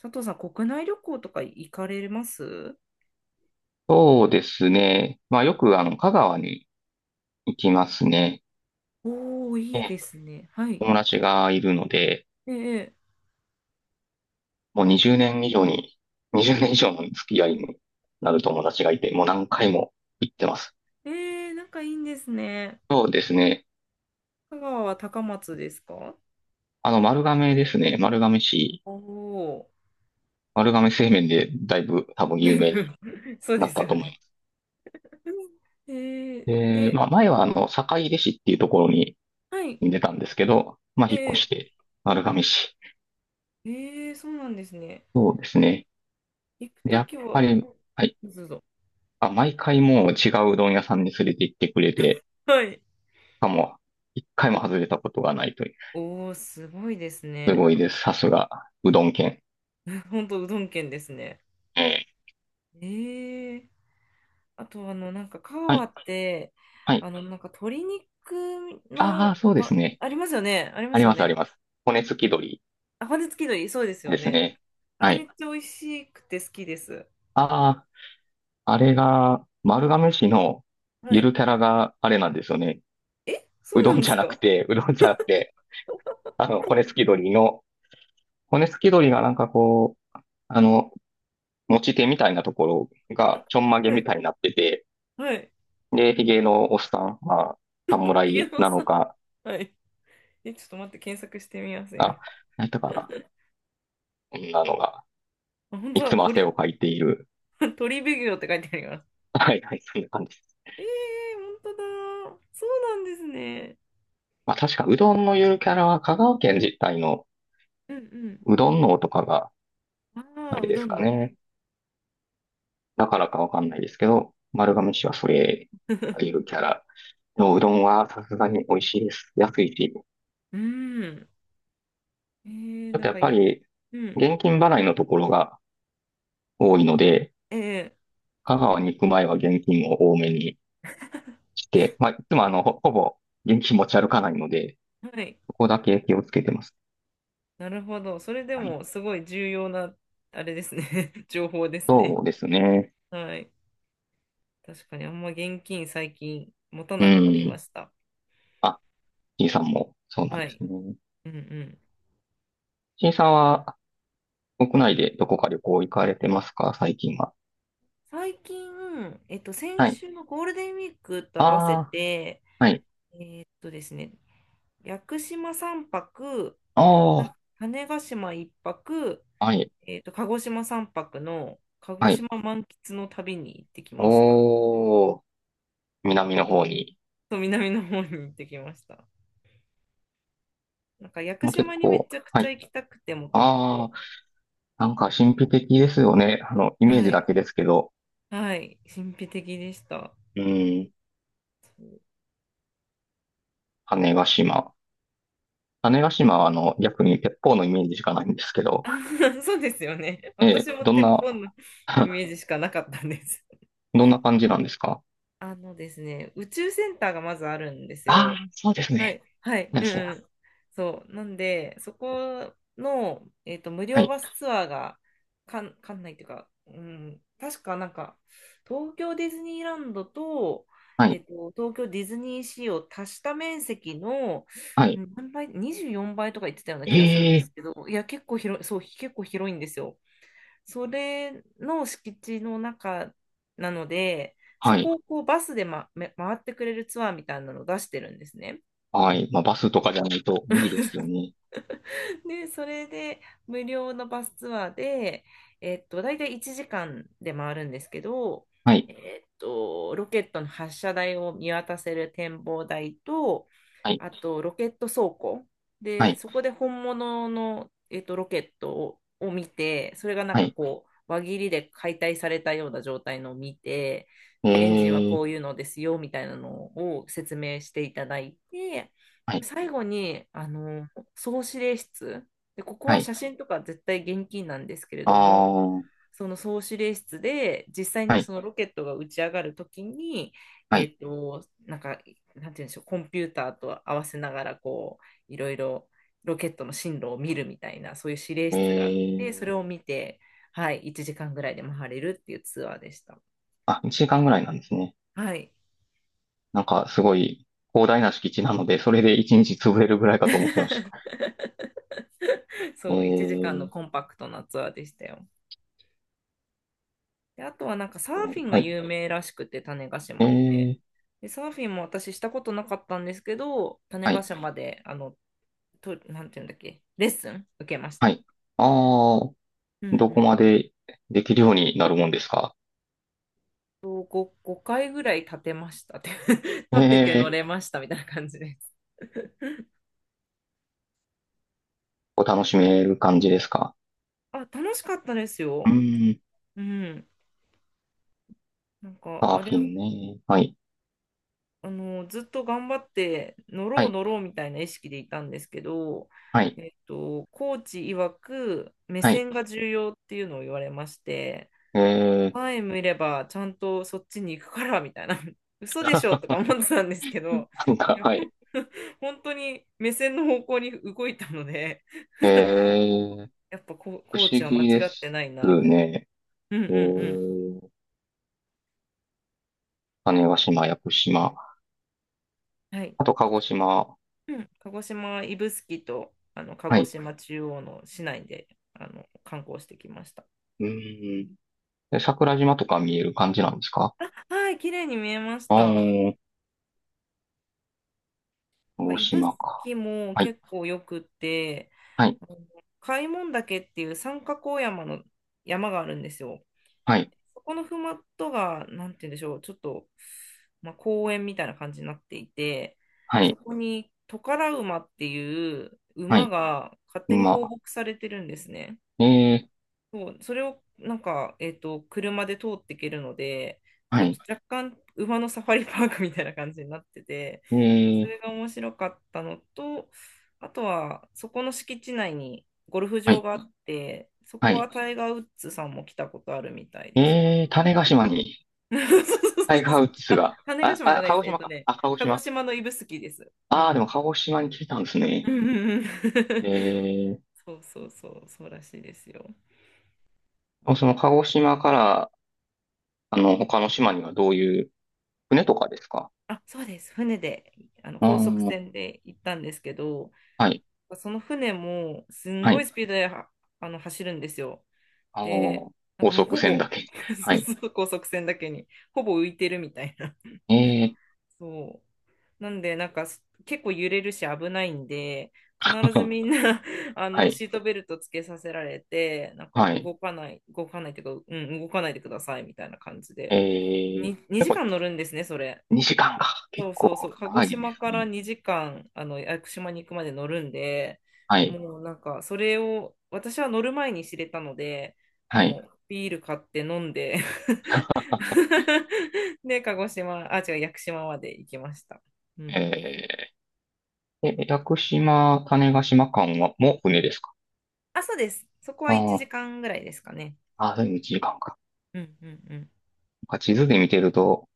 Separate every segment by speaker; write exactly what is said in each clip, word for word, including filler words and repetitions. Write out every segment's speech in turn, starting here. Speaker 1: 佐藤さん、国内旅行とか行かれます
Speaker 2: そうですね。まあよくあの、香川に行きますね。
Speaker 1: おー、
Speaker 2: え
Speaker 1: いい
Speaker 2: え、
Speaker 1: ですね。はい。
Speaker 2: 友達がいるので、
Speaker 1: ええ、
Speaker 2: もうにじゅうねん以上に、にじゅうねん以上の付き合いになる友達がいて、もう何回も行ってます。
Speaker 1: ええ、なんかいいんですね。
Speaker 2: そうですね。
Speaker 1: 香川は高松ですか？
Speaker 2: あの、丸亀ですね。丸亀市、
Speaker 1: おお、
Speaker 2: 丸亀製麺でだいぶ多分
Speaker 1: ー、だ
Speaker 2: 有
Speaker 1: い
Speaker 2: 名
Speaker 1: ぶ
Speaker 2: に
Speaker 1: そう
Speaker 2: な
Speaker 1: で
Speaker 2: っ
Speaker 1: す
Speaker 2: たと
Speaker 1: よ
Speaker 2: 思いま
Speaker 1: ね。
Speaker 2: す。
Speaker 1: えー
Speaker 2: で、
Speaker 1: で、
Speaker 2: まあ前はあの、坂出市っていうところに
Speaker 1: はい。
Speaker 2: 住んでたんですけど、まあ
Speaker 1: え
Speaker 2: 引っ越
Speaker 1: え、
Speaker 2: して、丸亀市。
Speaker 1: ええ、そうなんですね。
Speaker 2: そうですね。
Speaker 1: 行く
Speaker 2: で
Speaker 1: と
Speaker 2: やっ
Speaker 1: きは、
Speaker 2: ぱ
Speaker 1: うん、
Speaker 2: り、はい。
Speaker 1: どうぞ。
Speaker 2: あ、毎回もう違ううどん屋さんに連れて行ってくれて、
Speaker 1: はい。
Speaker 2: しかも、一回も外れたことがないという。
Speaker 1: おお、すごいです
Speaker 2: す
Speaker 1: ね。
Speaker 2: ごいです。さすが、うどん県。
Speaker 1: 本当うどん県ですね。
Speaker 2: ええ。
Speaker 1: ええ、あと、あの、なんか、カ
Speaker 2: は
Speaker 1: ワ
Speaker 2: い、
Speaker 1: って、
Speaker 2: はい。
Speaker 1: あの、なんか、鶏肉
Speaker 2: ああ、
Speaker 1: の、
Speaker 2: そうです
Speaker 1: ま、
Speaker 2: ね。
Speaker 1: ありますよね。ありま
Speaker 2: あり
Speaker 1: すよ
Speaker 2: ます、あり
Speaker 1: ね。
Speaker 2: ます。骨付き鶏
Speaker 1: あ、骨付き鳥そうですよ
Speaker 2: です
Speaker 1: ね。
Speaker 2: ね。
Speaker 1: あ
Speaker 2: は
Speaker 1: れめっ
Speaker 2: い。
Speaker 1: ちゃ美味しくて好きです。
Speaker 2: ああ、あれが、丸亀市の
Speaker 1: は
Speaker 2: ゆる
Speaker 1: い。
Speaker 2: キャラがあれなんですよね。
Speaker 1: え、そ
Speaker 2: う
Speaker 1: うな
Speaker 2: ど
Speaker 1: ん
Speaker 2: ん
Speaker 1: で
Speaker 2: じゃ
Speaker 1: す
Speaker 2: なく
Speaker 1: か？
Speaker 2: て、うどんじゃなくて、あの、骨付き鶏の、骨付き鶏がなんかこう、あの、持ち手みたいなところがちょんまげ
Speaker 1: は
Speaker 2: み
Speaker 1: い。
Speaker 2: たいになってて、
Speaker 1: はい。
Speaker 2: で、ヒゲのおっさん、まあ、
Speaker 1: ひげ
Speaker 2: 侍
Speaker 1: の
Speaker 2: な
Speaker 1: さ
Speaker 2: の
Speaker 1: ん。
Speaker 2: か、
Speaker 1: はい。え、ちょっと待って、検索してみます、今。
Speaker 2: あ、何やったかな。こんなのが、
Speaker 1: あ、本当
Speaker 2: い
Speaker 1: だ、
Speaker 2: つも汗
Speaker 1: 鳥、
Speaker 2: をかいている。
Speaker 1: 鳥ビュって書いてあります。
Speaker 2: はいはい、そんな感じです。
Speaker 1: えー、本当だ。そうなんですね。
Speaker 2: まあ確か、うどんのゆるキャラは香川県自体の
Speaker 1: うん
Speaker 2: うどんのとかが、
Speaker 1: うん。
Speaker 2: あ
Speaker 1: ああ、
Speaker 2: れ
Speaker 1: う
Speaker 2: で
Speaker 1: ど
Speaker 2: す
Speaker 1: ん
Speaker 2: か
Speaker 1: の。
Speaker 2: ね。だからかわかんないですけど、丸亀市はそれ、ゆ るキャラのうどんはさすがに美味しいです。安いし。ち
Speaker 1: うん。えー、
Speaker 2: ょっ
Speaker 1: な
Speaker 2: と
Speaker 1: ん
Speaker 2: やっ
Speaker 1: かい
Speaker 2: ぱ
Speaker 1: い。
Speaker 2: り、
Speaker 1: うん。
Speaker 2: 現金払いのところが多いので、
Speaker 1: ええ
Speaker 2: 香川に行く前は現金を多めに来 て、まあ、いつもあの、ほ、ほぼ現金持ち歩かないので、
Speaker 1: はい。
Speaker 2: そこだけ気をつけてます。
Speaker 1: なるほど。それで
Speaker 2: はい。
Speaker 1: もすごい重要な、あれですね 情報ですね。
Speaker 2: そうですね。
Speaker 1: はい。確かにあんま現金最近持た
Speaker 2: う
Speaker 1: なくなりま
Speaker 2: ん。
Speaker 1: した。
Speaker 2: あ、C さんもそうなん
Speaker 1: は
Speaker 2: です
Speaker 1: い。
Speaker 2: ね。
Speaker 1: うんうん。
Speaker 2: C さんは国内でどこか旅行行かれてますか最近は。
Speaker 1: 最近、えっと、先
Speaker 2: はい。
Speaker 1: 週のゴールデンウィークと
Speaker 2: あ
Speaker 1: 合わせ
Speaker 2: あ、
Speaker 1: て、
Speaker 2: はい。
Speaker 1: えっとですね、屋久島さんぱく、あ、
Speaker 2: ああ、
Speaker 1: 種子島いっぱく、
Speaker 2: はい。
Speaker 1: えっと、鹿児島さんぱくの鹿児
Speaker 2: はい。
Speaker 1: 島満喫の旅に行ってきました。
Speaker 2: おー、南の方に。
Speaker 1: と南の方に行ってきました。なんか屋久
Speaker 2: もう結
Speaker 1: 島にめ
Speaker 2: 構、
Speaker 1: ちゃく
Speaker 2: は
Speaker 1: ちゃ
Speaker 2: い。
Speaker 1: 行きたくて、もとも
Speaker 2: ああ、
Speaker 1: と。
Speaker 2: なんか神秘的ですよね。あの、イメー
Speaker 1: は
Speaker 2: ジだ
Speaker 1: い。
Speaker 2: けですけど。
Speaker 1: はい。神秘的でした。
Speaker 2: うん。種子島。種子島はあの、逆に鉄砲のイメージしかないんですけど、
Speaker 1: そうですよね。
Speaker 2: え
Speaker 1: 私
Speaker 2: え、
Speaker 1: も
Speaker 2: どん
Speaker 1: 鉄
Speaker 2: な、
Speaker 1: 砲のイ メージしかなかったんです。
Speaker 2: どんな感じなんですか？
Speaker 1: あのですね、宇宙センターがまずあるんです
Speaker 2: あ
Speaker 1: よ。
Speaker 2: あー、そうです
Speaker 1: は
Speaker 2: ね。
Speaker 1: い、はい、
Speaker 2: なん
Speaker 1: う
Speaker 2: で
Speaker 1: ん
Speaker 2: すね。
Speaker 1: うん。そう、なんで、そこの、えっと、無
Speaker 2: は
Speaker 1: 料
Speaker 2: い、
Speaker 1: バスツアーが、かん、かんないというか、うん、確かなんか、東京ディズニーランドと、
Speaker 2: は
Speaker 1: え
Speaker 2: い、
Speaker 1: っと、東京ディズニーシーを足した面積の、
Speaker 2: は
Speaker 1: う
Speaker 2: い。
Speaker 1: ん、何倍、にじゅうよんばいとか言ってたような気がするん
Speaker 2: え
Speaker 1: で
Speaker 2: え、
Speaker 1: すけど、いや、結構広い、そう、結構広いんですよ。それの敷地の中なので、
Speaker 2: は
Speaker 1: そ
Speaker 2: い、
Speaker 1: こをこうバスで、ま、め回ってくれるツアーみたいなのを出してるんですね。
Speaker 2: はい。まあ、バスとかじゃないと無理ですよね。
Speaker 1: で、それで無料のバスツアーで、えっと、大体いちじかんで回るんですけど、
Speaker 2: はい、
Speaker 1: えっと、ロケットの発射台を見渡せる展望台と、
Speaker 2: はい、
Speaker 1: あとロケット倉庫。
Speaker 2: は
Speaker 1: で、
Speaker 2: い、
Speaker 1: そこで本物の、えっと、ロケットを、を見て、それがなん
Speaker 2: は
Speaker 1: か
Speaker 2: い。
Speaker 1: こう、輪切りで解体されたような状態のを見て、
Speaker 2: え
Speaker 1: で、エンジンはこ
Speaker 2: え、
Speaker 1: ういうのですよ、みたいなのを説明していただいて、
Speaker 2: はい、
Speaker 1: 最後に、あの、総司令室で、ここ
Speaker 2: は
Speaker 1: は
Speaker 2: い。
Speaker 1: 写真とか絶対厳禁なんですけれ
Speaker 2: あ
Speaker 1: ど
Speaker 2: あ、
Speaker 1: も、
Speaker 2: は
Speaker 1: その総司令室で実際に
Speaker 2: い、
Speaker 1: そのロケットが打ち上がるときに、
Speaker 2: は
Speaker 1: え
Speaker 2: い。
Speaker 1: っと、なんか、なんて言うんでしょう、コンピューターと合わせながらこういろいろロケットの進路を見るみたいな、そういう指令
Speaker 2: え
Speaker 1: 室があってそれを
Speaker 2: え、
Speaker 1: 見て、はい、いちじかんぐらいで回れるっていうツアーでした。
Speaker 2: あ、いちじかんぐらいなんですね。
Speaker 1: はい。
Speaker 2: なんか、すごい広大な敷地なので、それで一日潰れるぐらいかと思ってました。え
Speaker 1: そう、いちじかんの
Speaker 2: え、
Speaker 1: コンパクトなツアーでしたよ。で、あとはなんかサーフィンが
Speaker 2: はい。
Speaker 1: 有名らしくて、種子
Speaker 2: え
Speaker 1: 島って。
Speaker 2: え。
Speaker 1: で、サーフィンも私したことなかったんですけど、種
Speaker 2: は
Speaker 1: 子
Speaker 2: い。
Speaker 1: 島で、あの、と、なんていうんだっけ、レッスン受けまし
Speaker 2: は
Speaker 1: た。
Speaker 2: い。ああ、
Speaker 1: うん
Speaker 2: ど
Speaker 1: う
Speaker 2: こ
Speaker 1: ん。
Speaker 2: までできるようになるもんですか？
Speaker 1: と5、ごかいぐらい立てましたって
Speaker 2: え
Speaker 1: 立てて乗
Speaker 2: え、
Speaker 1: れましたみたいな感じです。
Speaker 2: お楽しめる感じですか？
Speaker 1: あ、楽しかったです
Speaker 2: う
Speaker 1: よ。
Speaker 2: ーん、
Speaker 1: うん。なんか、
Speaker 2: サー
Speaker 1: あれ、
Speaker 2: フィンね。はい。
Speaker 1: あの、ずっと頑張って乗
Speaker 2: は
Speaker 1: ろう
Speaker 2: い。
Speaker 1: 乗ろうみたいな意識でいたんですけど、
Speaker 2: はい。
Speaker 1: えっと、コーチ曰く目
Speaker 2: はい。
Speaker 1: 線が重要っていうのを言われまして、
Speaker 2: ええ、
Speaker 1: 前見ればちゃんとそっちに行くからみたいな、嘘でしょとか 思ってたんですけど、
Speaker 2: なん
Speaker 1: い
Speaker 2: か、
Speaker 1: や、
Speaker 2: は
Speaker 1: ほん
Speaker 2: い。
Speaker 1: 本当に目線の方向に動いたので、
Speaker 2: ええ、
Speaker 1: やっぱ、コ、
Speaker 2: 不
Speaker 1: コー
Speaker 2: 思
Speaker 1: チは間違
Speaker 2: 議で
Speaker 1: っ
Speaker 2: す
Speaker 1: てないなみたいな。
Speaker 2: ね。
Speaker 1: うんうん
Speaker 2: え
Speaker 1: うん。
Speaker 2: え、種子島、屋久島。
Speaker 1: はい。
Speaker 2: あと、鹿児島。
Speaker 1: うん、鹿児島指宿とあの鹿
Speaker 2: は
Speaker 1: 児
Speaker 2: い。
Speaker 1: 島中央の市内であの観光してきました。
Speaker 2: うーん。で桜島とか見える感じなんですか？
Speaker 1: あ、はい、綺麗に見えまし
Speaker 2: ああ
Speaker 1: た。な
Speaker 2: ー、
Speaker 1: ん
Speaker 2: 鹿
Speaker 1: か
Speaker 2: 児
Speaker 1: 指
Speaker 2: 島か。
Speaker 1: 宿も
Speaker 2: はい。
Speaker 1: 結構よくって、
Speaker 2: はい。
Speaker 1: あの、開聞岳っていう三角大山の山があるんですよ。
Speaker 2: はい。
Speaker 1: そこのふもとが、なんて言うんでしょう、ちょっと、まあ、公園みたいな感じになっていて、
Speaker 2: は
Speaker 1: そ
Speaker 2: い。
Speaker 1: こにトカラ馬っていう
Speaker 2: は
Speaker 1: 馬
Speaker 2: い。
Speaker 1: が勝手に放
Speaker 2: 今、
Speaker 1: 牧されてるんですね。
Speaker 2: えー、
Speaker 1: そう、それをなんか、えっと、車で通っていけるので、なん
Speaker 2: は
Speaker 1: かち
Speaker 2: い。
Speaker 1: ょっと若干馬のサファリパークみたいな感じになってて、そ
Speaker 2: え
Speaker 1: れ
Speaker 2: ー、
Speaker 1: が面白かったのと、あとはそこの敷地内にゴルフ
Speaker 2: は
Speaker 1: 場
Speaker 2: い。
Speaker 1: があって、そ
Speaker 2: は
Speaker 1: こは
Speaker 2: い。
Speaker 1: タイガー・ウッズさんも来たことあるみたいです。
Speaker 2: えー、種子島に
Speaker 1: そうそ
Speaker 2: タ
Speaker 1: う
Speaker 2: イ
Speaker 1: そ
Speaker 2: ガ
Speaker 1: うそう。
Speaker 2: ー・ウッズ
Speaker 1: あ、
Speaker 2: が、
Speaker 1: 種子
Speaker 2: あ、
Speaker 1: 島じゃ
Speaker 2: あ、
Speaker 1: ない
Speaker 2: 鹿
Speaker 1: です。
Speaker 2: 児
Speaker 1: えっ
Speaker 2: 島
Speaker 1: と
Speaker 2: か。
Speaker 1: ね、
Speaker 2: あ、鹿児
Speaker 1: 鹿児
Speaker 2: 島。
Speaker 1: 島の指宿です。う
Speaker 2: ああ、でも
Speaker 1: ん。
Speaker 2: 鹿児島に来てたんです
Speaker 1: う
Speaker 2: ね。
Speaker 1: んうんうん。
Speaker 2: え
Speaker 1: そうそうそう、そうらしいですよ。
Speaker 2: ー、その鹿児島から、あの、他の島にはどういう、船とかですか？
Speaker 1: あ、そうです。船で、あの
Speaker 2: うー
Speaker 1: 高速
Speaker 2: ん、
Speaker 1: 船で行ったんですけど、
Speaker 2: はい。
Speaker 1: その船もすん
Speaker 2: は
Speaker 1: ごい
Speaker 2: い。
Speaker 1: スピードではあの走るんですよ。
Speaker 2: あ
Speaker 1: で、
Speaker 2: の、
Speaker 1: なんか
Speaker 2: 高
Speaker 1: もう
Speaker 2: 速
Speaker 1: ほ
Speaker 2: 船
Speaker 1: ぼ
Speaker 2: だけ。は
Speaker 1: そう
Speaker 2: い。
Speaker 1: そう、高速船だけに、ほぼ浮いてるみたいな。
Speaker 2: えー
Speaker 1: そう。なんで、なんかす結構揺れるし危ないんで、
Speaker 2: っ
Speaker 1: 必ず
Speaker 2: と、
Speaker 1: みんな あ
Speaker 2: は
Speaker 1: の
Speaker 2: い。
Speaker 1: シートベルトつけさせられて、なんか
Speaker 2: はい。
Speaker 1: 動かない、動かないっていうか、うん、動かないでくださいみたいな感じで。
Speaker 2: えー、
Speaker 1: に
Speaker 2: 結
Speaker 1: 2時
Speaker 2: 構
Speaker 1: 間乗るんですね、それ。
Speaker 2: にじかんか。
Speaker 1: そ
Speaker 2: 結
Speaker 1: う
Speaker 2: 構
Speaker 1: そうそう、鹿児
Speaker 2: 長いで
Speaker 1: 島
Speaker 2: す
Speaker 1: から
Speaker 2: ね。
Speaker 1: にじかん、あの、屋久島に行くまで乗るんで、
Speaker 2: はい。
Speaker 1: もうなんか、それを、私は乗る前に知れたので、
Speaker 2: は
Speaker 1: も
Speaker 2: い。
Speaker 1: うビール買って飲んで で、鹿児島、あ、違う、屋久島まで行きました。うん。
Speaker 2: えー。え、屋久島、種子島間は、もう船ですか？
Speaker 1: あ、そうです。そこは
Speaker 2: あ
Speaker 1: 1
Speaker 2: ー。
Speaker 1: 時間ぐらいですかね。
Speaker 2: あー、でも時間かんか。
Speaker 1: うんうんうん。
Speaker 2: なんか地図で見てると、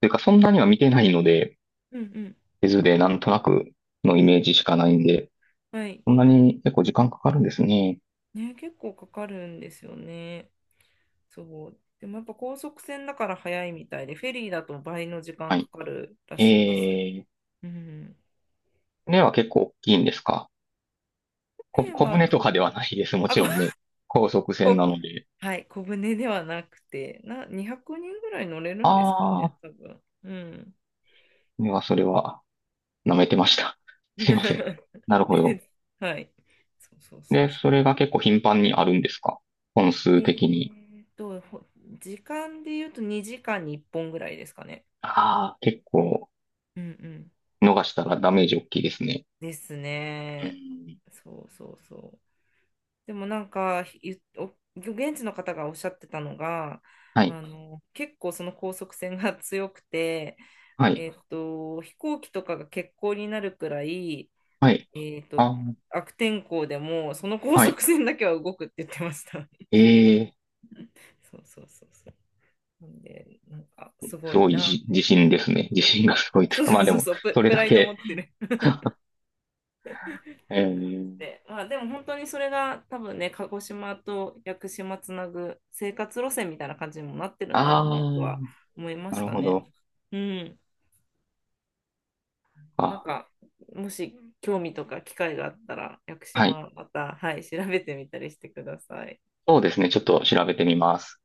Speaker 2: というかそんなには見てないので、
Speaker 1: うんうん。
Speaker 2: 地図でなんとなくのイメージしかないんで、
Speaker 1: はい。
Speaker 2: そんなに結構時間かかるんですね。
Speaker 1: ね、結構かかるんですよね。そう。でもやっぱ高速船だから早いみたいで、フェリーだと倍の時間
Speaker 2: は
Speaker 1: か
Speaker 2: い。
Speaker 1: かるらしいです。
Speaker 2: えー、
Speaker 1: うん。
Speaker 2: 船は結構大きいんですか？こ、
Speaker 1: で、
Speaker 2: 小
Speaker 1: まあ、
Speaker 2: 舟とかではないです。も
Speaker 1: あ、
Speaker 2: ち
Speaker 1: こ、
Speaker 2: ろんね。高速船
Speaker 1: こ、
Speaker 2: なので。
Speaker 1: はい、小舟ではなくて、な、にひゃくにんぐらい乗れるんですか
Speaker 2: あ
Speaker 1: ね、
Speaker 2: あ、
Speaker 1: 多分。うん。
Speaker 2: 船はそれは舐めてました。すいません。なるほど。
Speaker 1: はい。そうそうそう
Speaker 2: で、
Speaker 1: そう。
Speaker 2: それが結構頻繁にあるんですか？本
Speaker 1: え
Speaker 2: 数的に。
Speaker 1: ーっと、ほ時間で言うとにじかんにいっぽんぐらいですかね。
Speaker 2: ああ、結構
Speaker 1: うんうん。
Speaker 2: 逃したらダメージ大きいですね。
Speaker 1: です
Speaker 2: う
Speaker 1: ね。
Speaker 2: ん。
Speaker 1: そうそうそう。でもなんか、ゆお現地の方がおっしゃってたのが、
Speaker 2: はい。
Speaker 1: あの、結構その高速船が強くて、
Speaker 2: はい。
Speaker 1: えっと、飛行機とかが欠航になるくらい、
Speaker 2: はい。
Speaker 1: えっと、
Speaker 2: あー、
Speaker 1: 悪天候でも、その高
Speaker 2: はい。
Speaker 1: 速船だけは動くって言ってました。
Speaker 2: ええ、
Speaker 1: そうそうそうそう。なんで、なんか、すご
Speaker 2: す
Speaker 1: い
Speaker 2: ごい
Speaker 1: なっ
Speaker 2: じ自
Speaker 1: て。
Speaker 2: 信ですね。自信がすごいという
Speaker 1: そう
Speaker 2: か、
Speaker 1: そう
Speaker 2: まあで
Speaker 1: そう
Speaker 2: も、
Speaker 1: そう、
Speaker 2: そ
Speaker 1: プ、
Speaker 2: れ
Speaker 1: プ
Speaker 2: だ
Speaker 1: ライド持っ
Speaker 2: け。
Speaker 1: てる。
Speaker 2: えー。
Speaker 1: で、まあ、でも本当にそれが多分ね、鹿児島と屋久島つなぐ生活路線みたいな感じにもなってるんだ
Speaker 2: あ
Speaker 1: ろうなと
Speaker 2: あ、
Speaker 1: は思いま
Speaker 2: な
Speaker 1: し
Speaker 2: る
Speaker 1: た
Speaker 2: ほ
Speaker 1: ね。
Speaker 2: ど。
Speaker 1: うん。なん
Speaker 2: あ、
Speaker 1: か、もし興味とか機会があったら、屋久
Speaker 2: はい。
Speaker 1: 島また、はい、調べてみたりしてください。
Speaker 2: そうですね。ちょっと調べてみます。